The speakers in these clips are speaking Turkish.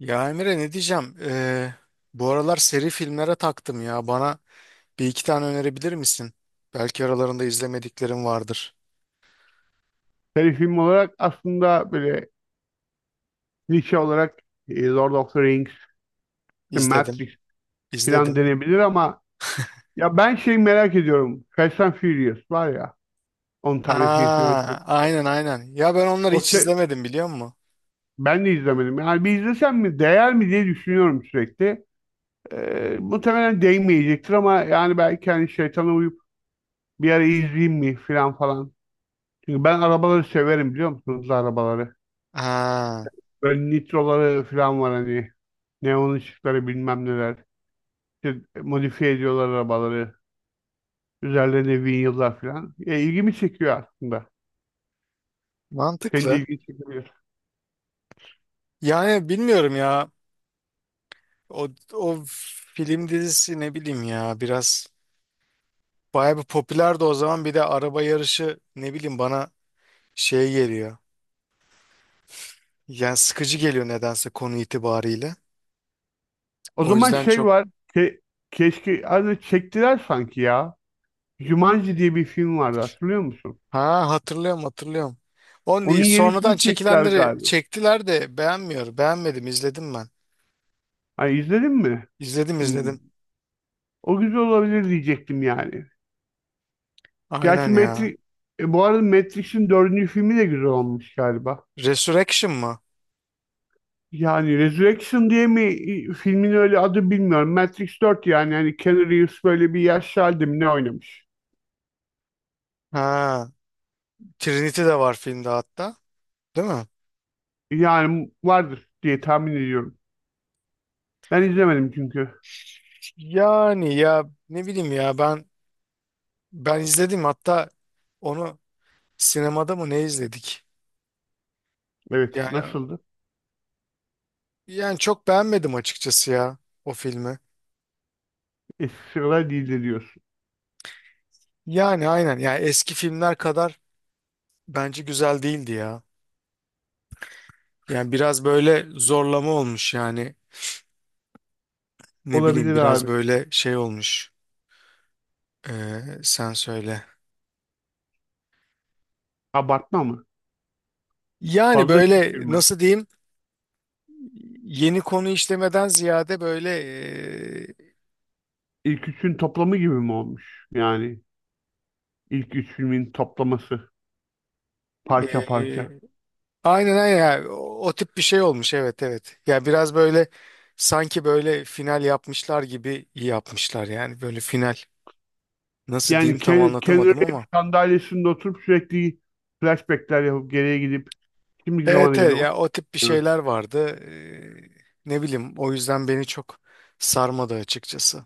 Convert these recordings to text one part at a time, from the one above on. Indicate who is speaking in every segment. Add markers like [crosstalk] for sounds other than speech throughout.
Speaker 1: Ya Emre ne diyeceğim? Bu aralar seri filmlere taktım ya. Bana bir iki tane önerebilir misin? Belki aralarında izlemediklerim vardır.
Speaker 2: Seri film olarak aslında böyle klişe olarak Lord of the Rings, The
Speaker 1: İzledim.
Speaker 2: Matrix
Speaker 1: İzledim.
Speaker 2: falan denebilir ama ya ben şey merak ediyorum. Fast and Furious var ya 10 tane film falan.
Speaker 1: Aa, aynen aynen. Ya ben onları
Speaker 2: O
Speaker 1: hiç
Speaker 2: şey,
Speaker 1: izlemedim biliyor musun?
Speaker 2: ben de izlemedim. Yani bir izlesem mi değer mi diye düşünüyorum sürekli. Muhtemelen değmeyecektir ama yani belki hani şeytana uyup bir ara izleyeyim mi falan falan. Çünkü ben arabaları severim biliyor musunuz arabaları.
Speaker 1: Aa,
Speaker 2: Böyle nitroları falan var hani. Neon ışıkları bilmem neler. İşte modifiye ediyorlar arabaları. Üzerlerine vinyıllar falan. İlgimi çekiyor aslında. Senin de
Speaker 1: mantıklı.
Speaker 2: ilgini çekebilir.
Speaker 1: Yani bilmiyorum ya. O, o film dizisi ne bileyim ya biraz bayağı bir popülerdi o zaman. Bir de araba yarışı ne bileyim bana şey geliyor. Yani sıkıcı geliyor nedense konu itibariyle.
Speaker 2: O
Speaker 1: O
Speaker 2: zaman
Speaker 1: yüzden
Speaker 2: şey
Speaker 1: çok.
Speaker 2: var. Ke Keşke adı çektiler sanki ya. Jumanji diye bir film vardı hatırlıyor musun?
Speaker 1: Ha, hatırlıyorum hatırlıyorum. Onu
Speaker 2: Onun
Speaker 1: değil, sonradan
Speaker 2: yenisini çektiler
Speaker 1: çekilenleri
Speaker 2: galiba.
Speaker 1: çektiler de beğenmiyor. Beğenmedim, izledim ben.
Speaker 2: Hani izledin mi?
Speaker 1: İzledim
Speaker 2: Hmm.
Speaker 1: izledim.
Speaker 2: O güzel olabilir diyecektim yani.
Speaker 1: Aynen
Speaker 2: Gerçi
Speaker 1: ya.
Speaker 2: Matrix, bu arada Matrix'in dördüncü filmi de güzel olmuş galiba.
Speaker 1: Resurrection mı?
Speaker 2: Yani Resurrection diye mi filmin öyle adı bilmiyorum. Matrix 4 yani Keanu Reeves böyle bir yaşlı halde mi ne oynamış?
Speaker 1: Ha, Trinity de var filmde hatta. Değil mi?
Speaker 2: Yani vardır diye tahmin ediyorum. Ben izlemedim çünkü.
Speaker 1: Yani ya ne bileyim ya ben izledim hatta onu, sinemada mı ne izledik?
Speaker 2: Evet,
Speaker 1: Yani
Speaker 2: nasıldı?
Speaker 1: yani çok beğenmedim açıkçası ya o filmi.
Speaker 2: Eski sıralar değildi diyorsun.
Speaker 1: Yani aynen yani eski filmler kadar bence güzel değildi ya. Yani biraz böyle zorlama olmuş yani, ne bileyim
Speaker 2: Olabilir
Speaker 1: biraz
Speaker 2: abi.
Speaker 1: böyle şey olmuş. Sen söyle.
Speaker 2: Abartma mı?
Speaker 1: Yani
Speaker 2: Fazla
Speaker 1: böyle
Speaker 2: şişirme.
Speaker 1: nasıl diyeyim yeni konu işlemeden ziyade böyle
Speaker 2: İlk üçün toplamı gibi mi olmuş? Yani ilk üç filmin toplaması parça
Speaker 1: ee,
Speaker 2: parça.
Speaker 1: aynen aynen yani o tip bir şey olmuş, evet evet. Yani biraz böyle sanki böyle final yapmışlar gibi yapmışlar, yani böyle final nasıl diyeyim
Speaker 2: Yani
Speaker 1: tam
Speaker 2: Keanu
Speaker 1: anlatamadım
Speaker 2: Reeves
Speaker 1: ama.
Speaker 2: sandalyesinde oturup sürekli flashbackler yapıp geriye gidip şimdiki zamana
Speaker 1: Evet evet
Speaker 2: geliyor.
Speaker 1: ya o tip bir şeyler vardı. Ne bileyim o yüzden beni çok sarmadı açıkçası.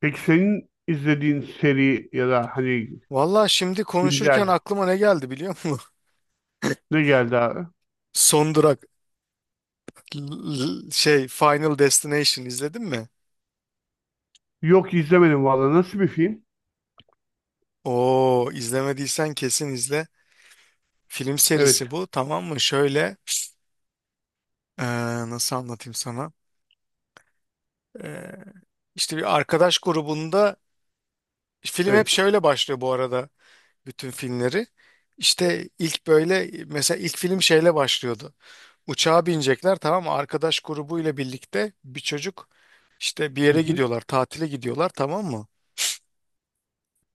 Speaker 2: Peki senin izlediğin seri ya da hani
Speaker 1: Valla şimdi konuşurken
Speaker 2: güncel
Speaker 1: aklıma ne geldi biliyor musun?
Speaker 2: ne geldi abi?
Speaker 1: [laughs] Son Durak şey Final Destination izledin mi?
Speaker 2: Yok, izlemedim valla. Nasıl bir film?
Speaker 1: Oo izlemediysen kesin izle. Film serisi
Speaker 2: Evet.
Speaker 1: bu, tamam mı? Şöyle ee, nasıl anlatayım sana? Ee, işte bir arkadaş grubunda, film hep
Speaker 2: Evet.
Speaker 1: şöyle başlıyor bu arada, bütün filmleri. İşte ilk böyle mesela ilk film şeyle başlıyordu. Uçağa binecekler tamam mı? Arkadaş grubuyla birlikte bir çocuk, işte bir
Speaker 2: Hı
Speaker 1: yere
Speaker 2: hı.
Speaker 1: gidiyorlar, tatile gidiyorlar tamam mı?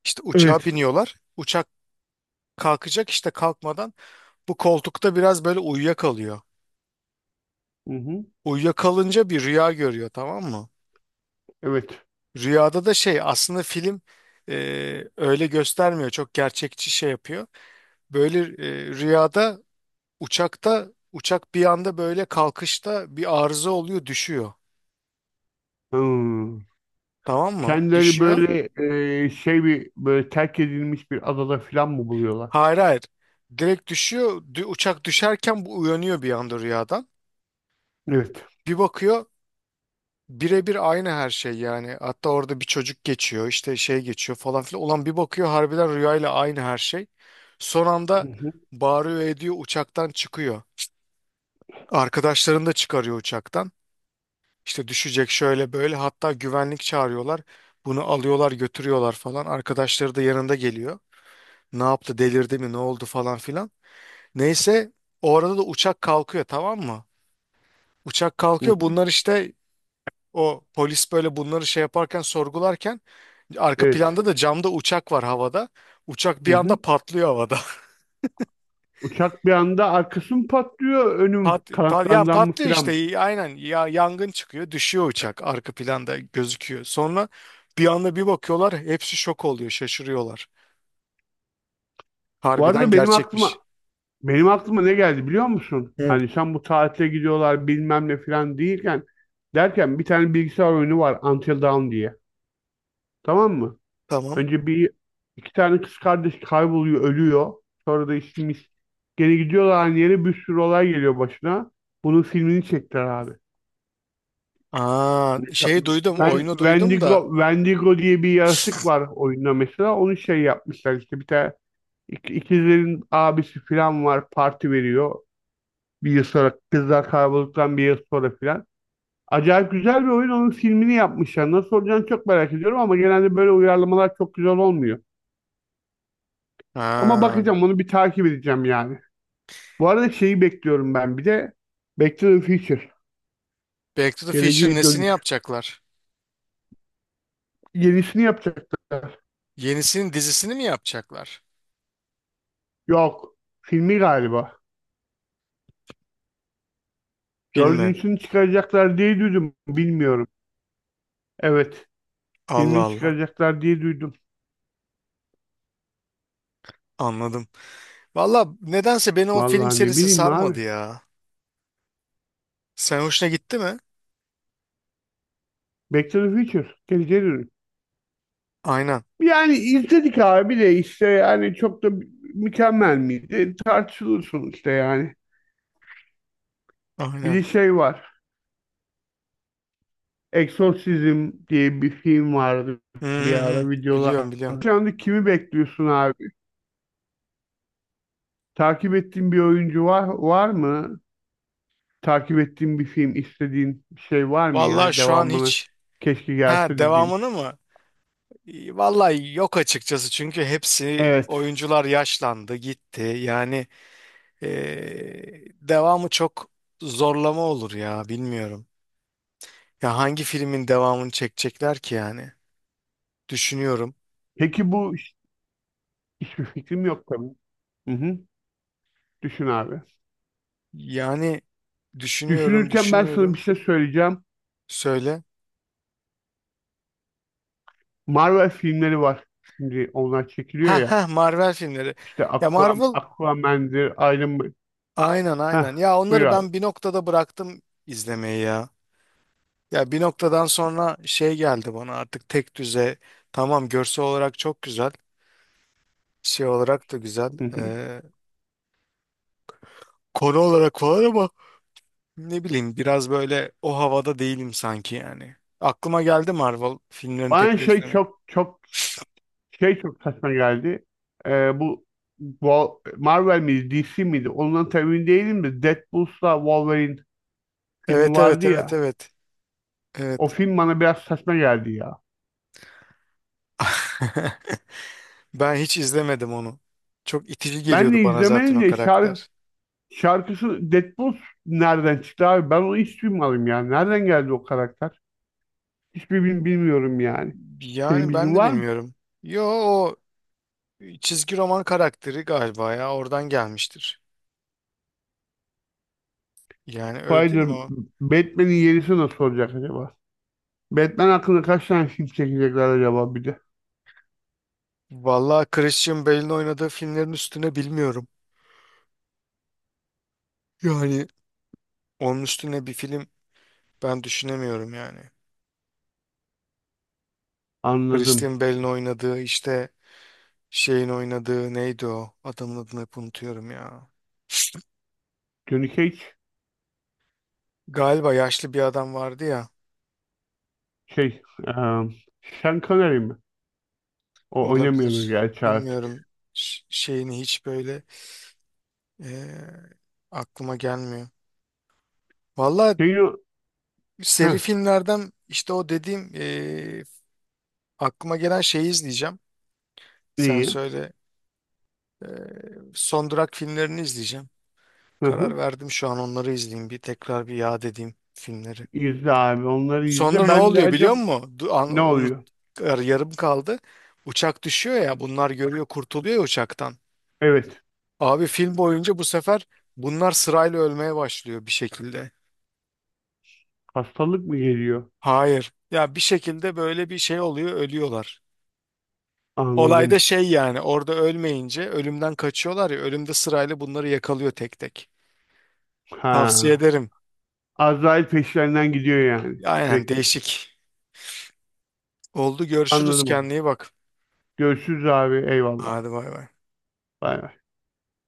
Speaker 1: İşte uçağa
Speaker 2: Evet.
Speaker 1: biniyorlar. Uçak kalkacak, işte kalkmadan bu koltukta biraz böyle uyuyakalıyor.
Speaker 2: Hı hı.
Speaker 1: Uyuyakalınca bir rüya görüyor tamam mı?
Speaker 2: Evet.
Speaker 1: Rüyada da şey, aslında film e, öyle göstermiyor. Çok gerçekçi şey yapıyor. Böyle rüyada, uçakta uçak bir anda böyle kalkışta bir arıza oluyor, düşüyor.
Speaker 2: Hmm.
Speaker 1: Tamam mı?
Speaker 2: Kendileri
Speaker 1: Düşüyor.
Speaker 2: böyle şey bir böyle terk edilmiş bir adada falan mı buluyorlar?
Speaker 1: Hayır hayır. Direkt düşüyor. Uçak düşerken bu uyanıyor bir anda rüyadan.
Speaker 2: Evet.
Speaker 1: Bir bakıyor, birebir aynı her şey yani. Hatta orada bir çocuk geçiyor, işte şey geçiyor falan filan. Ulan bir bakıyor harbiden rüyayla aynı her şey. Son anda
Speaker 2: Hı hı.
Speaker 1: bağırıyor ediyor uçaktan çıkıyor. Arkadaşlarını da çıkarıyor uçaktan. İşte düşecek şöyle böyle, hatta güvenlik çağırıyorlar. Bunu alıyorlar götürüyorlar falan. Arkadaşları da yanında geliyor. Ne yaptı, delirdi mi, ne oldu falan filan. Neyse, o arada da uçak kalkıyor tamam mı? Uçak
Speaker 2: Hı
Speaker 1: kalkıyor,
Speaker 2: hı.
Speaker 1: bunlar işte o polis böyle bunları şey yaparken sorgularken, arka
Speaker 2: Evet.
Speaker 1: planda da camda uçak var havada. Uçak
Speaker 2: Hı
Speaker 1: bir anda
Speaker 2: hı.
Speaker 1: patlıyor havada.
Speaker 2: Uçak bir anda arkası mı patlıyor,
Speaker 1: [laughs]
Speaker 2: önüm
Speaker 1: Yani
Speaker 2: kanatlarından mı
Speaker 1: patlıyor
Speaker 2: filan?
Speaker 1: işte, aynen ya, yangın çıkıyor, düşüyor uçak arka planda gözüküyor. Sonra bir anda bir bakıyorlar, hepsi şok oluyor, şaşırıyorlar.
Speaker 2: Bu
Speaker 1: Harbiden
Speaker 2: arada benim
Speaker 1: gerçekmiş.
Speaker 2: aklıma Benim aklıma ne geldi biliyor musun?
Speaker 1: Evet.
Speaker 2: Hani sen bu tatile gidiyorlar bilmem ne falan değilken derken bir tane bilgisayar oyunu var Until Dawn diye. Tamam mı?
Speaker 1: Tamam.
Speaker 2: Önce bir iki tane kız kardeş kayboluyor, ölüyor. Sonra da işimiz gene gidiyorlar aynı yere bir sürü olay geliyor başına. Bunun filmini çektiler abi.
Speaker 1: Aa,
Speaker 2: Mesela
Speaker 1: şey duydum,
Speaker 2: ben
Speaker 1: oyunu duydum da.
Speaker 2: Wendigo diye bir yaratık var oyunda mesela. Onu şey yapmışlar işte bir tane ikizlerin abisi falan var parti veriyor. Bir yıl sonra kızlar kaybolduktan bir yıl sonra filan. Acayip güzel bir oyun. Onun filmini yapmışlar. Nasıl olacağını çok merak ediyorum ama genelde böyle uyarlamalar çok güzel olmuyor. Ama
Speaker 1: Ha,
Speaker 2: bakacağım onu, bir takip edeceğim yani. Bu arada şeyi bekliyorum ben bir de Back to the Future.
Speaker 1: Back to the Future
Speaker 2: Geleceğe
Speaker 1: nesini
Speaker 2: dönüş.
Speaker 1: yapacaklar?
Speaker 2: Yenisini yapacaklar.
Speaker 1: Yenisinin dizisini mi yapacaklar?
Speaker 2: Yok. Filmi galiba.
Speaker 1: Filmi.
Speaker 2: Dördüncüsünü çıkaracaklar diye duydum. Bilmiyorum. Evet.
Speaker 1: Allah
Speaker 2: Filmini
Speaker 1: Allah.
Speaker 2: çıkaracaklar diye duydum.
Speaker 1: Anladım. Valla nedense beni o film
Speaker 2: Vallahi ne
Speaker 1: serisi
Speaker 2: bileyim
Speaker 1: sarmadı
Speaker 2: abi.
Speaker 1: ya. Sen hoşuna gitti mi?
Speaker 2: Back to the Future. Geleceğe dönüş.
Speaker 1: Aynen.
Speaker 2: Yani izledik abi de işte yani çok da mükemmel miydi? Tartışılır sonuçta yani. Bir
Speaker 1: Aynen.
Speaker 2: de şey var. Exorcism diye bir film vardı
Speaker 1: Hı
Speaker 2: bir
Speaker 1: hı hı.
Speaker 2: ara videolar.
Speaker 1: Biliyorum biliyorum.
Speaker 2: Şu anda kimi bekliyorsun abi? Takip ettiğin bir oyuncu var, var mı? Takip ettiğin bir film, istediğin bir şey var mı
Speaker 1: Valla
Speaker 2: yani
Speaker 1: şu an
Speaker 2: devamını
Speaker 1: hiç.
Speaker 2: keşke
Speaker 1: Ha,
Speaker 2: gelse dediğin.
Speaker 1: devamını mı? Valla yok açıkçası, çünkü hepsi
Speaker 2: Evet.
Speaker 1: oyuncular yaşlandı gitti. Yani devamı çok zorlama olur ya, bilmiyorum. Ya hangi filmin devamını çekecekler ki yani? Düşünüyorum.
Speaker 2: Peki hiçbir fikrim yok tabii. Hı hı. Düşün abi.
Speaker 1: Yani düşünüyorum,
Speaker 2: Düşünürken ben sana bir
Speaker 1: düşünüyorum.
Speaker 2: şey söyleyeceğim.
Speaker 1: Söyle.
Speaker 2: Marvel filmleri var. Şimdi onlar çekiliyor
Speaker 1: Ha
Speaker 2: ya.
Speaker 1: ha, Marvel filmleri.
Speaker 2: İşte
Speaker 1: Ya Marvel,
Speaker 2: Aquaman'dir, Iron Man.
Speaker 1: aynen
Speaker 2: Heh,
Speaker 1: aynen. Ya
Speaker 2: buyur
Speaker 1: onları
Speaker 2: abi.
Speaker 1: ben bir noktada bıraktım izlemeyi ya. Ya bir noktadan sonra şey geldi bana, artık tek düze. Tamam, görsel olarak çok güzel. Şey olarak da güzel.
Speaker 2: Hı hı.
Speaker 1: Konu olarak falan, ama ne bileyim biraz böyle o havada değilim sanki yani. Aklıma geldi Marvel filmlerini
Speaker 2: Bana
Speaker 1: tekrar
Speaker 2: şey
Speaker 1: izlemek.
Speaker 2: çok çok şey çok saçma geldi. Ee, bu, Bu Marvel miydi, DC miydi? Ondan tam emin değilim de Deadpool'la Wolverine filmi
Speaker 1: Evet evet
Speaker 2: vardı ya.
Speaker 1: evet evet.
Speaker 2: O
Speaker 1: Evet.
Speaker 2: film bana biraz saçma geldi ya.
Speaker 1: [laughs] Ben hiç izlemedim onu. Çok itici
Speaker 2: Ben
Speaker 1: geliyordu
Speaker 2: de
Speaker 1: bana zaten
Speaker 2: izlemedim
Speaker 1: o
Speaker 2: de
Speaker 1: karakter.
Speaker 2: şarkısı Deadpool nereden çıktı abi? Ben onu hiç duymadım ya. Nereden geldi o karakter? Hiçbir bilmiyorum yani. Senin
Speaker 1: Yani ben
Speaker 2: bilgin
Speaker 1: de
Speaker 2: var mı?
Speaker 1: bilmiyorum. Yo, o çizgi roman karakteri galiba ya, oradan gelmiştir. Yani öyle değil
Speaker 2: Spider,
Speaker 1: mi o?
Speaker 2: Batman'in yerisi nasıl olacak acaba? Batman hakkında kaç tane film çekecekler acaba bir de?
Speaker 1: Vallahi Christian Bale'in oynadığı filmlerin üstüne bilmiyorum. Yani onun üstüne bir film ben düşünemiyorum yani.
Speaker 2: Anladım.
Speaker 1: Christian Bale'in oynadığı işte, şeyin oynadığı neydi o? Adamın adını hep unutuyorum ya.
Speaker 2: Johnny Cage
Speaker 1: Galiba yaşlı bir adam vardı ya.
Speaker 2: şey, eee Sean Connery mi? O oynamıyordu
Speaker 1: Olabilir.
Speaker 2: gerçi artık.
Speaker 1: Bilmiyorum. Şeyini hiç böyle e, aklıma gelmiyor. Valla
Speaker 2: Şeyin o,
Speaker 1: seri
Speaker 2: heh,
Speaker 1: filmlerden işte o dediğim aklıma gelen şeyi izleyeceğim. Sen
Speaker 2: neyi?
Speaker 1: söyle. Son Durak filmlerini izleyeceğim.
Speaker 2: Hı
Speaker 1: Karar
Speaker 2: hı.
Speaker 1: verdim şu an, onları izleyeyim. Bir tekrar bir yad edeyim filmleri.
Speaker 2: İzle abi, onları
Speaker 1: Sonra
Speaker 2: izle.
Speaker 1: ne
Speaker 2: Ben de
Speaker 1: oluyor biliyor
Speaker 2: acaba
Speaker 1: musun?
Speaker 2: ne
Speaker 1: Unut,
Speaker 2: oluyor?
Speaker 1: yarım kaldı. Uçak düşüyor ya, bunlar görüyor, kurtuluyor ya uçaktan.
Speaker 2: Evet,
Speaker 1: Abi film boyunca bu sefer bunlar sırayla ölmeye başlıyor bir şekilde.
Speaker 2: hastalık mı geliyor?
Speaker 1: Hayır. Ya bir şekilde böyle bir şey oluyor, ölüyorlar.
Speaker 2: Anladım.
Speaker 1: Olayda şey yani, orada ölmeyince ölümden kaçıyorlar ya, ölümde sırayla bunları yakalıyor tek tek. Tavsiye
Speaker 2: Ha,
Speaker 1: ederim.
Speaker 2: Azrail peşlerinden gidiyor yani
Speaker 1: Aynen,
Speaker 2: sürekli.
Speaker 1: değişik. Oldu, görüşürüz,
Speaker 2: Anladım onu.
Speaker 1: kendine iyi bak.
Speaker 2: Görüşürüz abi. Eyvallah.
Speaker 1: Hadi bay bay.
Speaker 2: Bay bay.